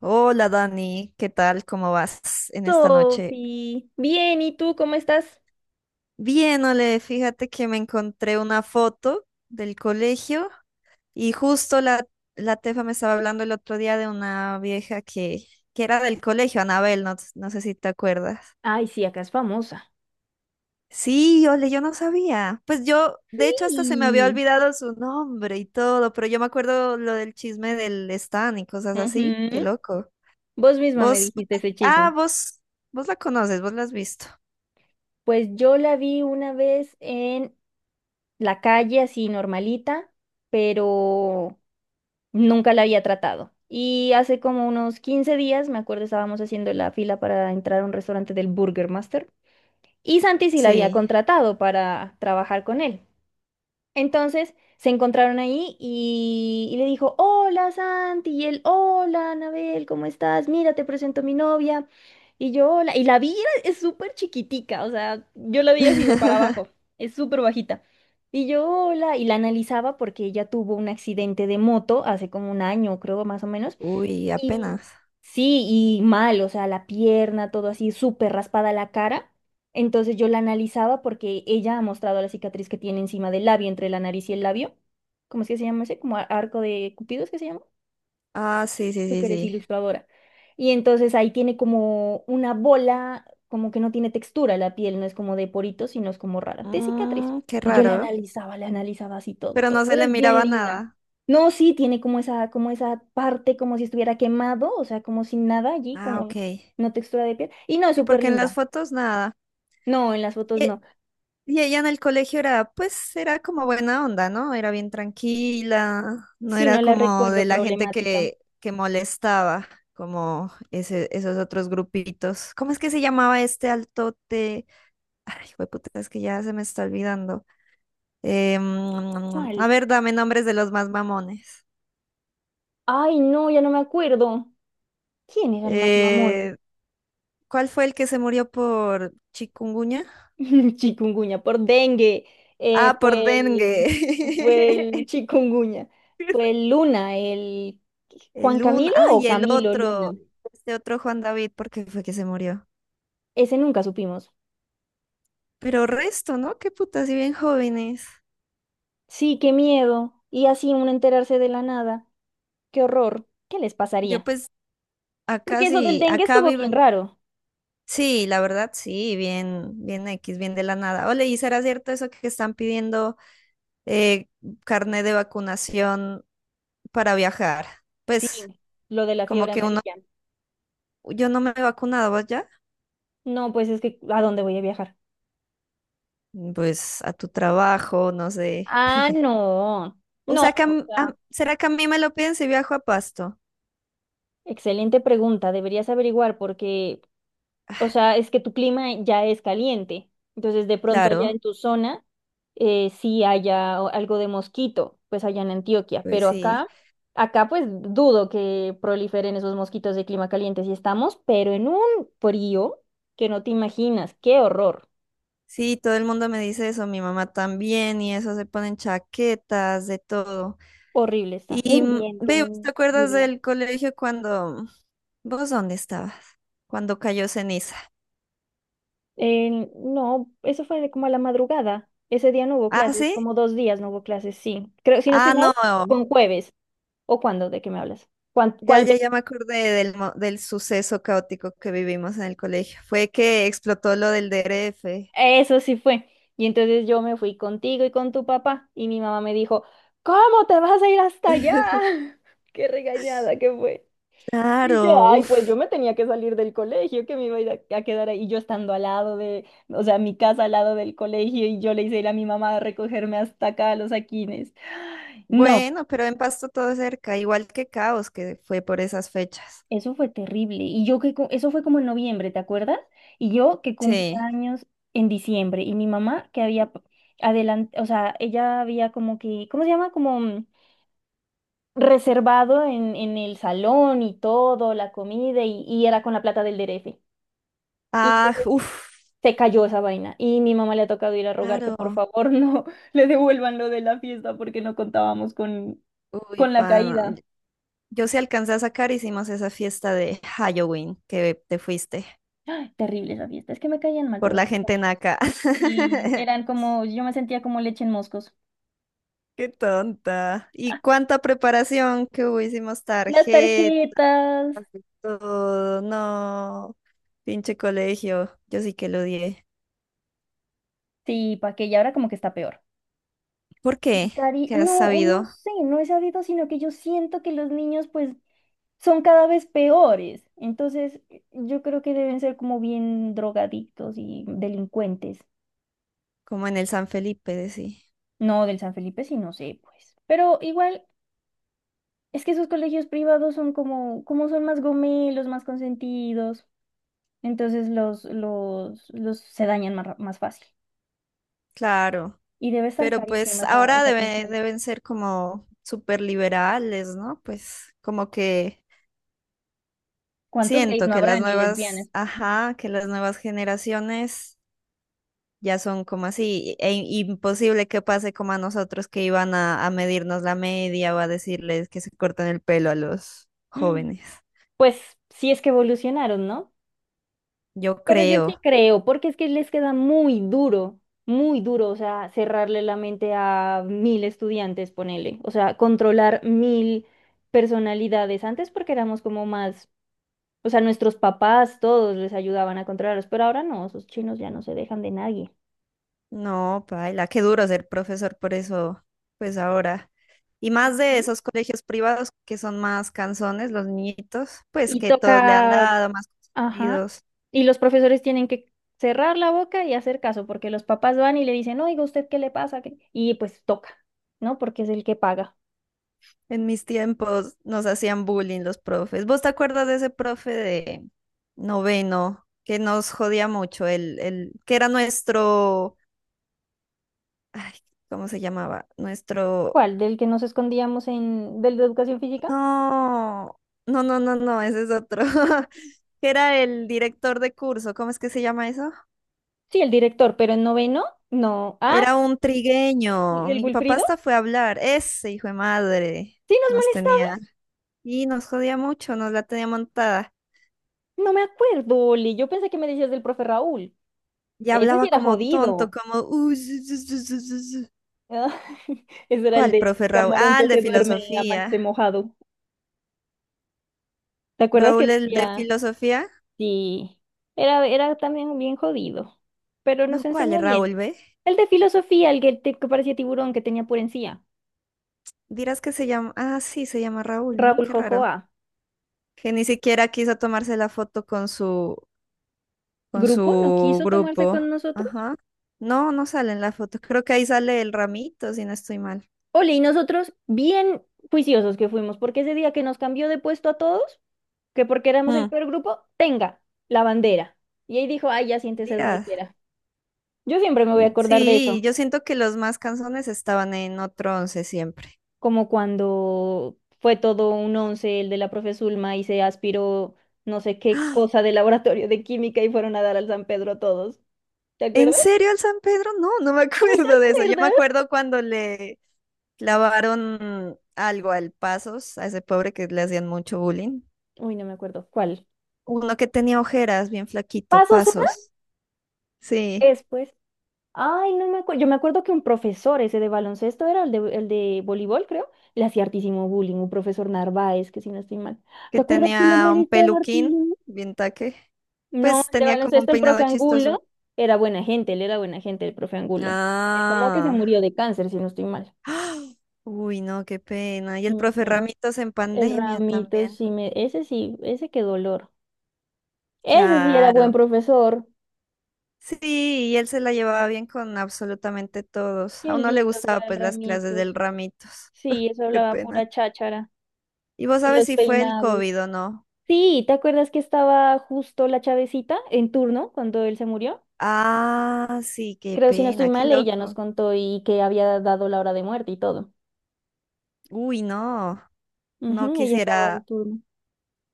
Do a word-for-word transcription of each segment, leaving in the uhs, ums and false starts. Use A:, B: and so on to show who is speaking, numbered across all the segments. A: Hola Dani, ¿qué tal? ¿Cómo vas en esta noche?
B: Sofi, bien, ¿y tú cómo estás?
A: Bien, Ole, fíjate que me encontré una foto del colegio y justo la, la Tefa me estaba hablando el otro día de una vieja que, que era del colegio, Anabel, no, no sé si te acuerdas.
B: Ay, sí, acá es famosa.
A: Sí, Ole, yo no sabía. Pues yo, de hecho, hasta se me había
B: Sí.
A: olvidado su nombre y todo, pero yo me acuerdo lo del chisme del Stan y cosas así, qué
B: Ujú.
A: loco.
B: Vos misma me
A: Vos,
B: dijiste ese chisme.
A: ah, vos, Vos la conoces, vos la has visto.
B: Pues yo la vi una vez en la calle, así normalita, pero nunca la había tratado. Y hace como unos quince días, me acuerdo, estábamos haciendo la fila para entrar a un restaurante del Burger Master. Y Santi sí la había
A: Sí.
B: contratado para trabajar con él. Entonces se encontraron ahí y, y le dijo, hola Santi, y él, hola Anabel, ¿cómo estás? Mira, te presento a mi novia. Y yo, hola, y la vi, era- es súper chiquitica, o sea, yo la vi así de para abajo, es súper bajita. Y yo, hola, y la analizaba porque ella tuvo un accidente de moto hace como un año, creo, más o menos.
A: Uy,
B: Y
A: apenas.
B: sí, y mal, o sea, la pierna, todo así, súper raspada la cara. Entonces yo la analizaba porque ella ha mostrado la cicatriz que tiene encima del labio, entre la nariz y el labio. ¿Cómo es que se llama ese? Como ar- arco de Cupido, ¿es que se llama?
A: Ah, sí, sí,
B: Tú que
A: sí,
B: eres
A: sí.
B: ilustradora. Y entonces ahí tiene como una bola, como que no tiene textura la piel, no es como de poritos, sino es como rara, de cicatriz.
A: Mm, qué
B: Y yo la
A: raro,
B: analizaba, la analizaba así todo,
A: pero
B: todo,
A: no se
B: pero
A: le
B: es bien
A: miraba
B: linda.
A: nada.
B: No, sí, tiene como esa, como esa parte, como si estuviera quemado, o sea, como sin nada allí,
A: Ah,
B: como
A: ok.
B: no textura de piel. Y no, es
A: Sí,
B: súper
A: porque en las
B: linda.
A: fotos nada.
B: No, en las fotos
A: Y,
B: no.
A: y ella en el colegio era, pues, era como buena onda, ¿no? Era bien tranquila, no
B: Sí,
A: era
B: no la
A: como de
B: recuerdo
A: la gente
B: problemática.
A: que, que molestaba, como ese, esos otros grupitos. ¿Cómo es que se llamaba este altote? Ay, puta, es que ya se me está olvidando. Eh, mm, a
B: ¿Cuál?
A: ver, dame nombres de los más mamones.
B: Ay, no, ya no me acuerdo. ¿Quién era el más mamón?
A: Eh, ¿Cuál fue el que se murió por chikungunya?
B: Chikungunya, por dengue, eh,
A: Ah, por
B: fue
A: dengue.
B: el, fue el chikungunya, fue el Luna, el Juan
A: El uno,
B: Camilo
A: ah,
B: o
A: y el
B: Camilo
A: otro,
B: Luna,
A: este otro Juan David, ¿por qué fue que se murió?
B: ese nunca supimos.
A: Pero resto, ¿no? Qué puta, si bien jóvenes.
B: Sí, qué miedo, y así uno enterarse de la nada, qué horror, ¿qué les
A: Yo
B: pasaría?
A: pues acá
B: Porque eso del
A: sí,
B: dengue
A: acá
B: estuvo bien
A: viven.
B: raro,
A: Sí, la verdad, sí, bien, bien X, bien de la nada. Ole, ¿y será cierto eso que están pidiendo eh, carnet de vacunación para viajar?
B: sí,
A: Pues
B: lo de la
A: como
B: fiebre
A: que uno,
B: amarilla.
A: yo no me he vacunado, ¿vos ya?
B: No, pues es que, ¿a dónde voy a viajar?
A: Pues a tu trabajo, no sé.
B: Ah, no,
A: O
B: no,
A: sea, que a
B: o
A: m-
B: sea,
A: a- ¿será que a mí me lo piden si viajo a Pasto?
B: excelente pregunta, deberías averiguar porque o sea, es que tu clima ya es caliente. Entonces, de pronto allá
A: Claro,
B: en tu zona eh, sí haya o- algo de mosquito, pues allá en Antioquia,
A: pues
B: pero
A: sí.
B: acá, acá pues dudo que proliferen esos mosquitos de clima caliente si estamos, pero en un frío que no te imaginas, qué horror.
A: Sí, todo el mundo me dice eso, mi mamá también, y eso se ponen chaquetas, de todo.
B: Horrible está.
A: Y
B: Un
A: mm,
B: viento,
A: ve, ¿te
B: un
A: acuerdas
B: lluvia.
A: del colegio cuando... ¿Vos dónde estabas? Cuando cayó ceniza.
B: Eh, no, eso fue de como a la madrugada. Ese día no hubo
A: ¿Ah,
B: clases,
A: sí?
B: como dos días no hubo clases, sí. Creo, si no estoy
A: Ah,
B: mal,
A: no.
B: con jueves. ¿O cuándo? ¿De qué me hablas? ¿Cuán-
A: Ya,
B: ¿Cuál?
A: ya, ya me acordé del, mo- del suceso caótico que vivimos en el colegio. Fue que explotó lo del D R F.
B: Eso sí fue. Y entonces yo me fui contigo y con tu papá y mi mamá me dijo, ¿cómo te vas a ir hasta allá? Qué regañada que fue. Y yo,
A: Claro,
B: ay, pues yo
A: uff.
B: me tenía que salir del colegio, que me iba a ir a, a quedar ahí, y yo estando al lado de, o sea, mi casa al lado del colegio, y yo le hice ir a mi mamá a recogerme hasta acá a los Aquines. No.
A: Bueno, pero en Pasto todo cerca, igual que Caos, que fue por esas fechas.
B: Eso fue terrible. Y yo que cu- eso fue como en noviembre, ¿te acuerdas? Y yo que cumplía
A: Sí.
B: años en diciembre y mi mamá que había adelante, o sea, ella había como que, ¿cómo se llama? Como mm, reservado en, en el salón y todo, la comida y, y era con la plata del D R F. Y
A: Ah,
B: entonces
A: uff,
B: se cayó esa vaina y mi mamá le ha tocado ir a rogar que por
A: claro.
B: favor no le devuelvan lo de la fiesta porque no contábamos con,
A: Uy,
B: con la
A: pana.
B: caída.
A: Yo sí alcancé a sacar, hicimos esa fiesta de Halloween que te fuiste
B: ¡Ay! Terrible esa fiesta. Es que me caían mal
A: por
B: todos
A: la
B: mis
A: gente
B: amigos.
A: naca.
B: Sí, eran como, yo me sentía como leche en moscos.
A: Qué tonta. ¿Y cuánta preparación que hubo? Hicimos
B: Las
A: tarjetas,
B: tarjetas,
A: de todo. No, pinche colegio. Yo sí que lo odié.
B: sí, pa' que y ahora como que está peor.
A: ¿Por
B: Y
A: qué?
B: Cari,
A: ¿Qué has
B: no, no
A: sabido?
B: sé, no he sabido, sino que yo siento que los niños pues son cada vez peores. Entonces, yo creo que deben ser como bien drogadictos y delincuentes.
A: Como en el San Felipe, de sí.
B: No del San Felipe, sí, no sé, pues. Pero igual, es que esos colegios privados son como, como son más gomelos, más consentidos. Entonces los, los, los se dañan más, ra- más fácil.
A: Claro.
B: Y debe estar
A: Pero pues
B: carísima esa,
A: ahora
B: esa
A: debe-
B: pensión.
A: deben ser como súper liberales, ¿no? Pues como que
B: ¿Cuántos gays
A: siento
B: no
A: que
B: habrá
A: las
B: ni lesbianas?
A: nuevas, ajá, que las nuevas generaciones ya son como así, e imposible que pase como a nosotros que iban a, a medirnos la media o a decirles que se corten el pelo a los
B: Mm,
A: jóvenes.
B: pues sí es que evolucionaron, ¿no?
A: Yo
B: Pero yo sí
A: creo.
B: creo, porque es que les queda muy duro, muy duro, o sea, cerrarle la mente a mil estudiantes, ponele, o sea, controlar mil personalidades. Antes porque éramos como más, o sea, nuestros papás todos les ayudaban a controlarlos, pero ahora no, esos chinos ya no se dejan de nadie.
A: No, paila, qué duro ser profesor por eso, pues ahora. Y más de
B: ¿Mm?
A: esos colegios privados que son más canzones, los niñitos, pues
B: Y
A: que todos le han
B: toca.
A: dado más
B: Ajá.
A: consentidos.
B: Y los profesores tienen que cerrar la boca y hacer caso, porque los papás van y le dicen, oiga, ¿usted qué le pasa? ¿Qué-? Y pues toca, ¿no? Porque es el que paga.
A: En mis tiempos nos hacían bullying los profes. ¿Vos te acuerdas de ese profe de noveno que nos jodía mucho? El, el que era nuestro, ay, ¿cómo se llamaba? Nuestro
B: ¿Cuál? ¿Del que nos escondíamos en, del de educación física?
A: No, no, no, no, no, ese es otro. Que era el director de curso, ¿cómo es que se llama eso?
B: Sí, el director, pero en noveno, no. Ah,
A: Era un trigueño.
B: ¿el
A: Mi papá
B: Wilfrido?
A: hasta fue a hablar. Ese hijo de madre
B: Sí, nos
A: nos tenía.
B: molestaba.
A: Y nos jodía mucho, nos la tenía montada.
B: No me acuerdo, Oli. Yo pensé que me decías del profe Raúl.
A: Y
B: Ese sí
A: hablaba
B: era
A: como tonto,
B: jodido.
A: como... "Uh, zu, zu, zu, zu, zu, zu".
B: Ah, ese era el
A: ¿Cuál,
B: de
A: profe Raúl?
B: camarón
A: Ah,
B: que
A: el de
B: se duerme y amanece
A: filosofía.
B: mojado. ¿Te acuerdas que
A: ¿Raúl el de
B: decía?
A: filosofía?
B: Sí, era, era también bien jodido, pero
A: No,
B: nos
A: ¿cuál es
B: enseñó
A: Raúl,
B: bien.
A: ve?
B: El de filosofía, el que, te- que parecía tiburón que tenía por encía.
A: Dirás que se llama... Ah, sí, se llama Raúl, ¿no?
B: Raúl
A: Qué raro.
B: Jojoa.
A: Que ni siquiera quiso tomarse la foto con su, con
B: Grupo no
A: su
B: quiso tomarse
A: grupo.
B: con nosotros.
A: Ajá. No, no sale en la foto. Creo que ahí sale el ramito, si no estoy mal.
B: Ole, y nosotros bien juiciosos que fuimos, porque ese día que nos cambió de puesto a todos, que porque éramos el
A: Mm,
B: peor grupo, tenga la bandera. Y ahí dijo, ay, ya siéntese donde
A: Díaz.
B: quiera. Yo siempre me voy
A: Mm,
B: a acordar de eso.
A: Sí, yo siento que los más canzones estaban en otro once siempre.
B: Como cuando fue todo un once el de la profe Zulma y se aspiró no sé qué
A: ¡Ah!
B: cosa de laboratorio de química y fueron a dar al San Pedro todos. ¿Te
A: ¿En
B: acuerdas?
A: serio el San Pedro? No, no me
B: ¿No te
A: acuerdo de eso. Yo me
B: acuerdas?
A: acuerdo cuando le clavaron algo al Pasos, a ese pobre que le hacían mucho bullying.
B: Uy, no me acuerdo. ¿Cuál?
A: Uno que tenía ojeras, bien flaquito,
B: ¿Pasos era?
A: Pasos. Sí.
B: Después. Ay, no me acuerdo. Yo me acuerdo que un profesor, ese de baloncesto era el de, el de voleibol, creo, le hacía hartísimo bullying, un profesor Narváez, que si no estoy mal. ¿Te
A: Que
B: acuerdas que lo
A: tenía un
B: molestaba
A: peluquín,
B: hartísimo?
A: bien taque.
B: No,
A: Pues
B: el de
A: tenía como un
B: baloncesto, el profe
A: peinado chistoso.
B: Angulo, era buena gente, él era buena gente, el profe Angulo. Eh, ¿Cómo que se
A: Ah.
B: murió de cáncer, si no estoy mal?
A: ¡Ah! Uy, no, qué pena. Y
B: Sí
A: el
B: me
A: profe
B: suena.
A: Ramitos en
B: El
A: pandemia
B: Ramito,
A: también.
B: sí me... Ese sí, ese qué dolor. Ese sí era buen
A: Claro.
B: profesor.
A: Sí, y él se la llevaba bien con absolutamente todos. A
B: Qué
A: uno le
B: lindo que
A: gustaba
B: era el
A: pues las clases del
B: Ramitos.
A: Ramitos.
B: Sí, eso
A: Qué
B: hablaba
A: pena.
B: pura cháchara.
A: ¿Y vos
B: Y
A: sabes
B: los
A: si fue el
B: peinados.
A: COVID o no?
B: Sí, ¿te acuerdas que estaba justo la Chavecita en turno cuando él se murió?
A: Ah, sí, qué
B: Creo, si no estoy
A: pena, qué
B: mal, ella nos
A: loco.
B: contó y que había dado la hora de muerte y todo.
A: Uy, no. No
B: Ujú, ella estaba en
A: quisiera
B: turno.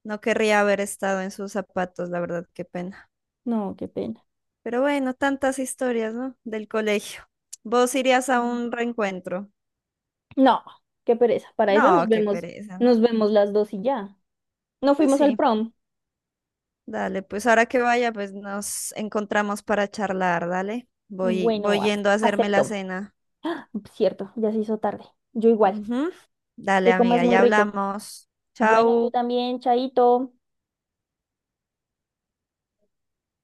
A: No querría haber estado en sus zapatos, la verdad, qué pena.
B: No, qué pena.
A: Pero bueno, tantas historias, ¿no? Del colegio. ¿Vos irías a un reencuentro?
B: No, qué pereza. Para eso
A: No,
B: nos
A: qué
B: vemos,
A: pereza,
B: nos
A: ¿no?
B: vemos las dos y ya. No
A: Pues
B: fuimos al
A: sí,
B: prom.
A: dale, pues ahora que vaya, pues nos encontramos para charlar, dale. Voy,
B: Bueno,
A: voy
B: ac-
A: yendo a hacerme la
B: acepto.
A: cena.
B: Cierto, ya se hizo tarde. Yo igual.
A: Ujú. Dale,
B: Que comas
A: amiga,
B: muy
A: ya
B: rico.
A: hablamos.
B: Bueno, tú
A: Chau.
B: también, Chaito.